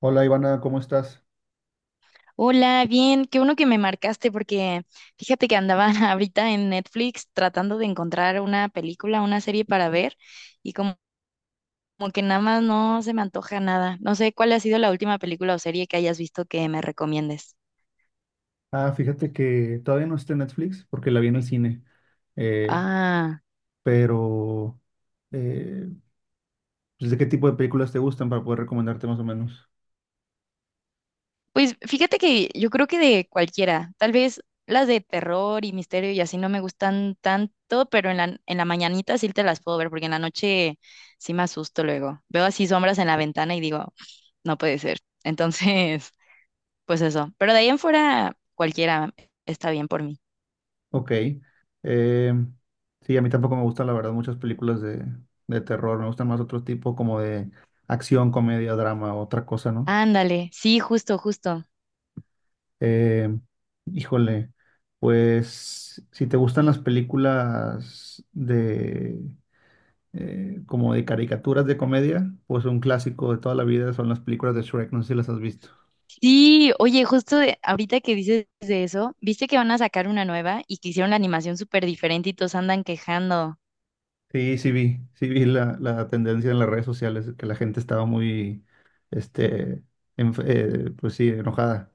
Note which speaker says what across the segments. Speaker 1: Hola, Ivana, ¿cómo estás?
Speaker 2: Hola, bien, qué bueno que me marcaste porque fíjate que andaba ahorita en Netflix tratando de encontrar una película, una serie para ver y como que nada más no se me antoja nada. No sé cuál ha sido la última película o serie que hayas visto que me recomiendes.
Speaker 1: Ah, fíjate que todavía no está en Netflix porque la vi en el cine, eh,
Speaker 2: Ah,
Speaker 1: pero eh, pues, ¿de qué tipo de películas te gustan para poder recomendarte más o menos?
Speaker 2: pues fíjate que yo creo que de cualquiera, tal vez las de terror y misterio y así no me gustan tanto, pero en la mañanita sí te las puedo ver porque en la noche sí me asusto luego. Veo así sombras en la ventana y digo, no puede ser. Entonces, pues eso. Pero de ahí en fuera, cualquiera está bien por mí.
Speaker 1: Ok, eh, sí, a mí tampoco me gustan, la verdad, muchas películas de terror. Me gustan más otro tipo, como de acción, comedia, drama, otra cosa, ¿no?
Speaker 2: Ándale, sí, justo.
Speaker 1: Eh, híjole, pues si te gustan las películas de como de caricaturas de comedia, pues un clásico de toda la vida son las películas de Shrek, no sé si las has visto.
Speaker 2: Sí, oye, justo ahorita que dices de eso, viste que van a sacar una nueva y que hicieron la animación súper diferente y todos andan quejando.
Speaker 1: Sí, sí vi la tendencia en las redes sociales, que la gente estaba muy, este, pues sí, enojada.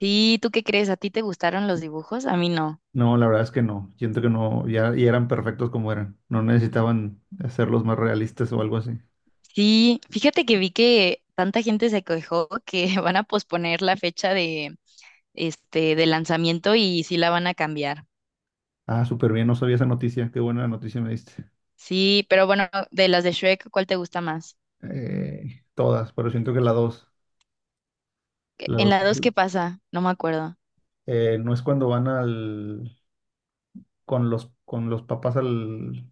Speaker 2: Sí, ¿tú qué crees? ¿A ti te gustaron los dibujos? A mí no.
Speaker 1: No, la verdad es que no, siento que no. Ya, ya eran perfectos como eran, no necesitaban hacerlos más realistas o algo así.
Speaker 2: Sí, fíjate que vi que tanta gente se quejó que van a posponer la fecha de este de lanzamiento y sí la van a cambiar.
Speaker 1: Ah, súper bien, no sabía esa noticia, qué buena noticia me diste.
Speaker 2: Sí, pero bueno, de las de Shrek, ¿cuál te gusta más?
Speaker 1: Todas, pero siento que la
Speaker 2: En
Speaker 1: dos,
Speaker 2: la dos, ¿qué pasa? No me acuerdo.
Speaker 1: no, es cuando van con los papás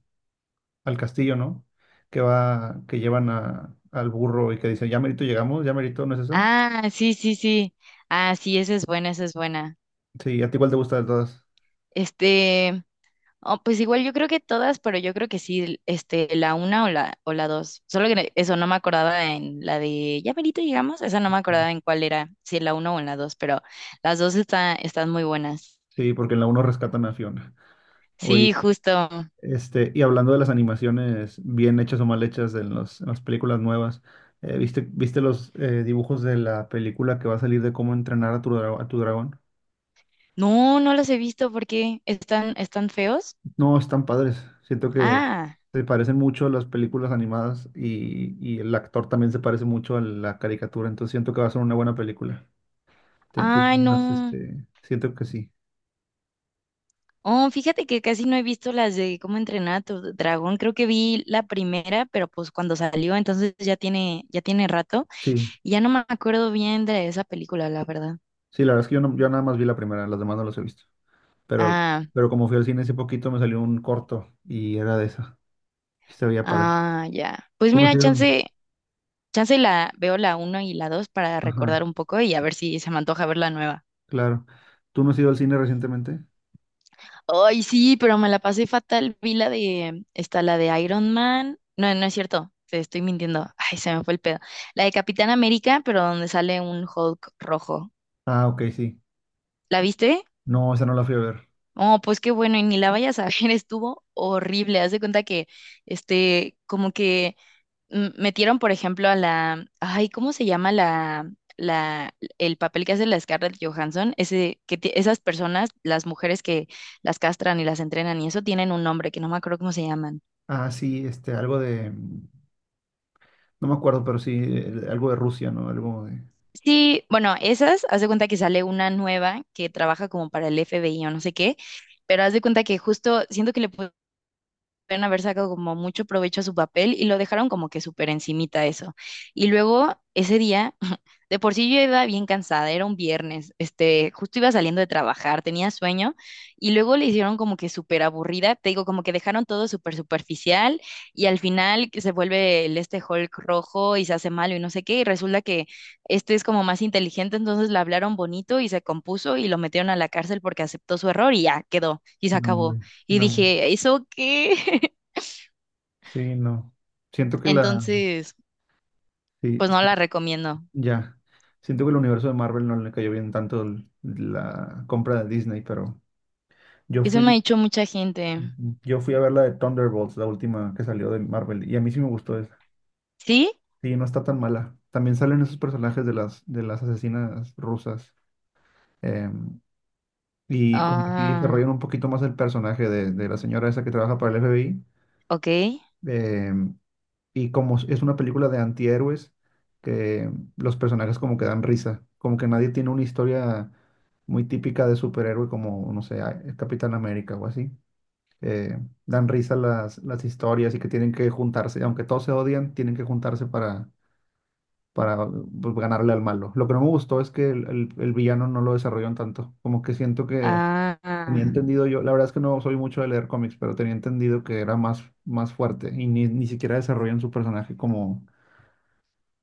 Speaker 1: al castillo, ¿no? Que va, que llevan a, al burro y que dicen, ya merito llegamos, ya merito, ¿no es esa?
Speaker 2: Ah, sí, sí, sí. Ah, sí, esa es buena, esa es buena.
Speaker 1: Sí, a ti igual te gusta de todas.
Speaker 2: Este, oh, pues igual yo creo que todas, pero yo creo que sí, este, la una o la dos. Solo que eso no me acordaba en la de ya perito llegamos, esa no me acordaba en cuál era, si en la una o en la dos, pero las dos están muy buenas.
Speaker 1: Sí, porque en la uno rescatan a Fiona. Oye,
Speaker 2: Sí, justo.
Speaker 1: y hablando de las animaciones bien hechas o mal hechas de los, en las películas nuevas, ¿viste, viste los dibujos de la película que va a salir de cómo entrenar a tu, a tu dragón?
Speaker 2: No, no las he visto porque están feos.
Speaker 1: No, están padres. Siento que
Speaker 2: Ah,
Speaker 1: se parecen mucho a las películas animadas y el actor también se parece mucho a la caricatura. Entonces siento que va a ser una buena película. Tiene
Speaker 2: ay,
Speaker 1: unas,
Speaker 2: no.
Speaker 1: este, siento que sí.
Speaker 2: Oh, fíjate que casi no he visto las de cómo entrenar a tu dragón. Creo que vi la primera, pero pues cuando salió, entonces ya tiene rato.
Speaker 1: Sí,
Speaker 2: Y ya no me acuerdo bien de esa película, la verdad.
Speaker 1: sí, la verdad es que yo, yo nada más vi la primera, las demás no las he visto. Pero,
Speaker 2: Ah,
Speaker 1: pero como fui al cine hace poquito me salió un corto y era de esa. Y se veía padre.
Speaker 2: ah, ya. Pues
Speaker 1: ¿Tú no has
Speaker 2: mira,
Speaker 1: ido?
Speaker 2: chance, chance la veo la uno y la dos para
Speaker 1: Ajá,
Speaker 2: recordar un poco y a ver si se me antoja ver la nueva.
Speaker 1: claro. ¿Tú no has ido al cine recientemente?
Speaker 2: Ay, sí, pero me la pasé fatal. Vi la de, está la de Iron Man. No, no es cierto. Te estoy mintiendo. Ay, se me fue el pedo. La de Capitán América, pero donde sale un Hulk rojo.
Speaker 1: Ah, ok, sí.
Speaker 2: ¿La viste?
Speaker 1: No, esa no la fui a ver.
Speaker 2: Oh, pues qué bueno, y ni la vayas a ver, estuvo horrible. Haz de cuenta que, este, como que metieron, por ejemplo, a la, ay, ¿cómo se llama el papel que hace la Scarlett Johansson? Ese, que esas personas, las mujeres que las castran y las entrenan y eso, tienen un nombre que no me acuerdo cómo se llaman.
Speaker 1: Ah, sí, este, algo de... No me acuerdo, pero sí, algo de Rusia, ¿no? Algo de
Speaker 2: Sí, bueno, esas, haz de cuenta que sale una nueva que trabaja como para el FBI o no sé qué, pero haz de cuenta que justo siento que le pudieron haber sacado como mucho provecho a su papel y lo dejaron como que súper encimita eso. Y luego ese día, de por sí yo iba bien cansada, era un viernes, este, justo iba saliendo de trabajar, tenía sueño y luego le hicieron como que súper aburrida, te digo, como que dejaron todo súper superficial y al final que se vuelve el este Hulk rojo y se hace malo y no sé qué y resulta que este es como más inteligente, entonces le hablaron bonito y se compuso y lo metieron a la cárcel porque aceptó su error y ya quedó y se
Speaker 1: nombre,
Speaker 2: acabó. Y
Speaker 1: nombre.
Speaker 2: dije, ¿eso qué?
Speaker 1: Sí, no. Siento que la,
Speaker 2: Entonces,
Speaker 1: sí,
Speaker 2: pues no
Speaker 1: sí,
Speaker 2: la recomiendo.
Speaker 1: ya. Siento que el universo de Marvel no le cayó bien tanto la compra de Disney, pero yo
Speaker 2: Eso me ha
Speaker 1: fui,
Speaker 2: dicho mucha gente.
Speaker 1: yo fui a ver la de Thunderbolts, la última que salió de Marvel, y a mí sí me gustó esa.
Speaker 2: ¿Sí?
Speaker 1: Sí, no está tan mala. También salen esos personajes de las asesinas rusas. em, y como que sí
Speaker 2: Ah,
Speaker 1: desarrollan un poquito más el personaje de la señora esa que trabaja para el FBI.
Speaker 2: ok.
Speaker 1: em, Y como es una película de antihéroes, que los personajes como que dan risa, como que nadie tiene una historia muy típica de superhéroe como, no sé, el Capitán América o así. Eh, dan risa las historias, y que tienen que juntarse, aunque todos se odian, tienen que juntarse para pues, ganarle al malo. Lo que no me gustó es que el villano no lo desarrollan tanto, como que siento que
Speaker 2: Ah, ah.
Speaker 1: tenía entendido yo, la verdad es que no soy mucho de leer cómics, pero tenía entendido que era más, más fuerte, y ni, ni siquiera desarrollan su personaje como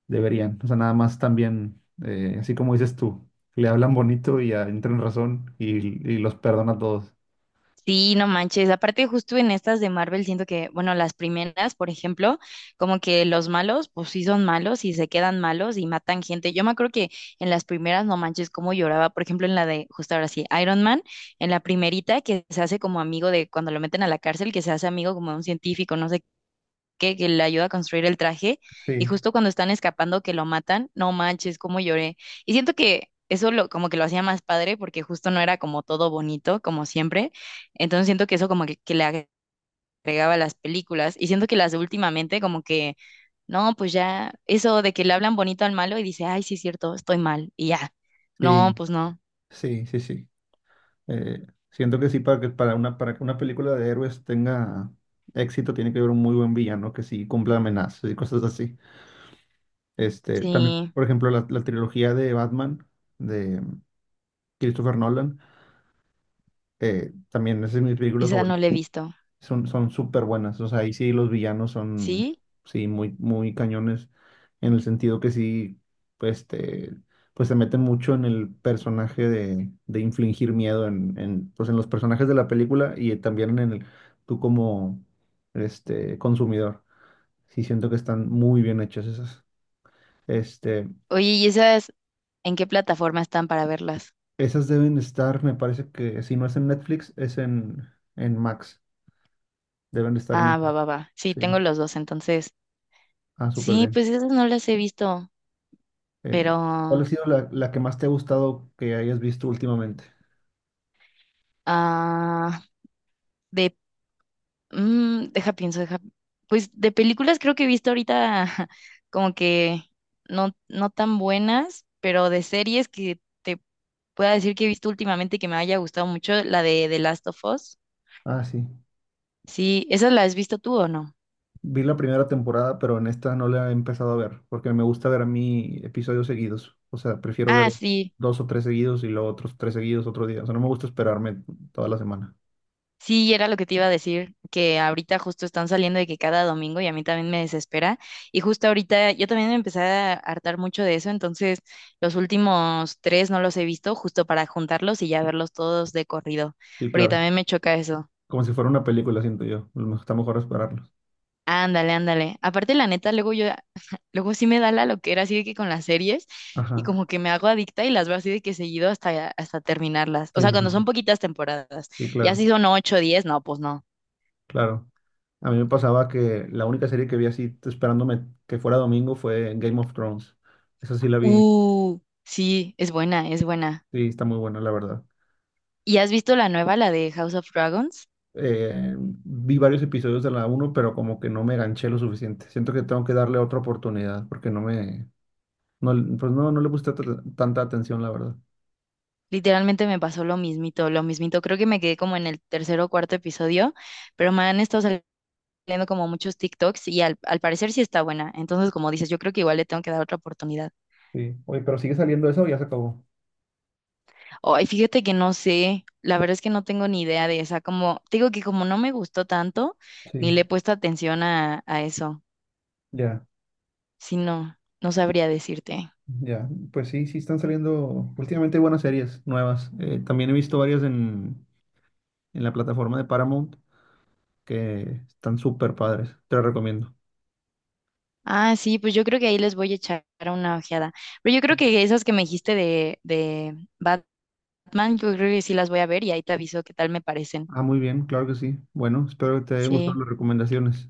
Speaker 1: deberían. O sea, nada más también, así como dices tú, le hablan bonito y ah, entran en razón y los perdona a todos.
Speaker 2: Sí, no manches. Aparte, justo en estas de Marvel, siento que, bueno, las primeras, por ejemplo, como que los malos, pues sí son malos y se quedan malos y matan gente. Yo me acuerdo que en las primeras, no manches, cómo lloraba. Por ejemplo, en la de, justo ahora sí, Iron Man, en la primerita que se hace como amigo de cuando lo meten a la cárcel, que se hace amigo como de un científico, no sé que le ayuda a construir el traje, y
Speaker 1: Sí,
Speaker 2: justo cuando están escapando que lo matan, no manches, cómo lloré. Y siento que eso lo, como que lo hacía más padre, porque justo no era como todo bonito, como siempre. Entonces siento que eso como que le agregaba a las películas, y siento que las de últimamente como que, no, pues ya, eso de que le hablan bonito al malo y dice, ay, sí es cierto, estoy mal, y ya. No,
Speaker 1: sí,
Speaker 2: pues no,
Speaker 1: sí, sí, sí. Eh, siento que sí, para que para una, para que una película de héroes tenga éxito, tiene que haber un muy buen villano que sí cumpla amenazas y cosas así. Este, también,
Speaker 2: sí,
Speaker 1: por ejemplo, la trilogía de Batman de Christopher Nolan, también esa es mi película
Speaker 2: esa no
Speaker 1: favorita.
Speaker 2: la he visto.
Speaker 1: Son, son súper buenas. O sea, ahí sí los villanos son,
Speaker 2: ¿Sí?
Speaker 1: sí, muy, muy cañones, en el sentido que sí, pues, te, pues se meten mucho en el personaje de infligir miedo en, pues, en los personajes de la película y también en el, tú como, este, consumidor. Sí, siento que están muy bien hechas esas. Este,
Speaker 2: Oye, ¿y esas en qué plataforma están para verlas?
Speaker 1: esas deben estar, me parece que si no es en Netflix, es en Max. Deben de estar
Speaker 2: Ah,
Speaker 1: en...
Speaker 2: va, va, va. Sí,
Speaker 1: Sí.
Speaker 2: tengo los dos, entonces.
Speaker 1: Ah, súper
Speaker 2: Sí,
Speaker 1: bien.
Speaker 2: pues esas no las he visto,
Speaker 1: Eh, ¿Cuál ha
Speaker 2: pero
Speaker 1: sido la, la que más te ha gustado que hayas visto últimamente?
Speaker 2: ah, de deja pienso, deja pues de películas creo que he visto ahorita como que no tan buenas, pero de series que te pueda decir que he visto últimamente que me haya gustado mucho la de The Last of Us.
Speaker 1: Ah, sí.
Speaker 2: Sí, ¿esa la has visto tú o no?
Speaker 1: Vi la primera temporada, pero en esta no la he empezado a ver, porque me gusta ver, a mí, episodios seguidos. O sea, prefiero ver
Speaker 2: Ah, sí.
Speaker 1: dos o tres seguidos y luego otros tres seguidos otro día. O sea, no me gusta esperarme toda la semana.
Speaker 2: Sí, era lo que te iba a decir, que ahorita justo están saliendo de que cada domingo y a mí también me desespera. Y justo ahorita yo también me empecé a hartar mucho de eso, entonces los últimos tres no los he visto justo para juntarlos y ya verlos todos de corrido,
Speaker 1: Sí,
Speaker 2: porque
Speaker 1: claro.
Speaker 2: también me choca eso.
Speaker 1: Como si fuera una película, siento yo. Está mejor esperarlos.
Speaker 2: Ándale, ándale. Aparte, la neta, luego yo, luego sí me da la loquera así de que con las series y
Speaker 1: Ajá.
Speaker 2: como que me hago adicta y las veo así de que seguido hasta terminarlas.
Speaker 1: Sí,
Speaker 2: O sea,
Speaker 1: sí,
Speaker 2: cuando
Speaker 1: sí,
Speaker 2: son poquitas temporadas,
Speaker 1: sí,
Speaker 2: ya
Speaker 1: claro,
Speaker 2: si son 8 o 10, no, pues no.
Speaker 1: claro. A mí me pasaba que la única serie que vi así esperándome que fuera domingo fue Game of Thrones. Esa sí la vi.
Speaker 2: Sí, es buena, es buena.
Speaker 1: Sí, está muy buena, la verdad.
Speaker 2: ¿Y has visto la nueva, la de House of Dragons?
Speaker 1: Vi varios episodios de la uno, pero como que no me ganché lo suficiente. Siento que tengo que darle otra oportunidad porque no me, no, pues no, no le puse tanta atención, la verdad.
Speaker 2: Literalmente me pasó lo mismito, lo mismito. Creo que me quedé como en el tercer o cuarto episodio, pero me han estado saliendo como muchos TikToks y al parecer sí está buena. Entonces, como dices, yo creo que igual le tengo que dar otra oportunidad.
Speaker 1: Sí. Oye, pero sigue saliendo eso o ya se acabó.
Speaker 2: Ay, fíjate que no sé, la verdad es que no tengo ni idea de esa. Como, te digo que como no me gustó tanto, ni le
Speaker 1: Sí,
Speaker 2: he puesto atención a eso.
Speaker 1: ya,
Speaker 2: Si no, no sabría decirte.
Speaker 1: ya. Pues sí, sí están saliendo últimamente buenas series nuevas. También he visto varias en la plataforma de Paramount, que están súper padres. Te las recomiendo.
Speaker 2: Ah, sí, pues yo creo que ahí les voy a echar una ojeada. Pero yo creo que esas que me dijiste de Batman, yo creo que sí las voy a ver y ahí te aviso qué tal me parecen.
Speaker 1: Ah, muy bien, claro que sí. Bueno, espero que te hayan
Speaker 2: Sí.
Speaker 1: gustado las recomendaciones.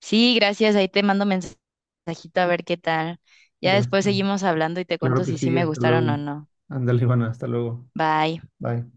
Speaker 2: Sí, gracias. Ahí te mando mensajito a ver qué tal. Ya
Speaker 1: Ya.
Speaker 2: después
Speaker 1: está
Speaker 2: seguimos hablando y te
Speaker 1: Claro
Speaker 2: cuento
Speaker 1: que
Speaker 2: si sí
Speaker 1: sí,
Speaker 2: me
Speaker 1: hasta
Speaker 2: gustaron
Speaker 1: luego.
Speaker 2: o no.
Speaker 1: Ándale, Ivana, hasta luego.
Speaker 2: Bye.
Speaker 1: Bye.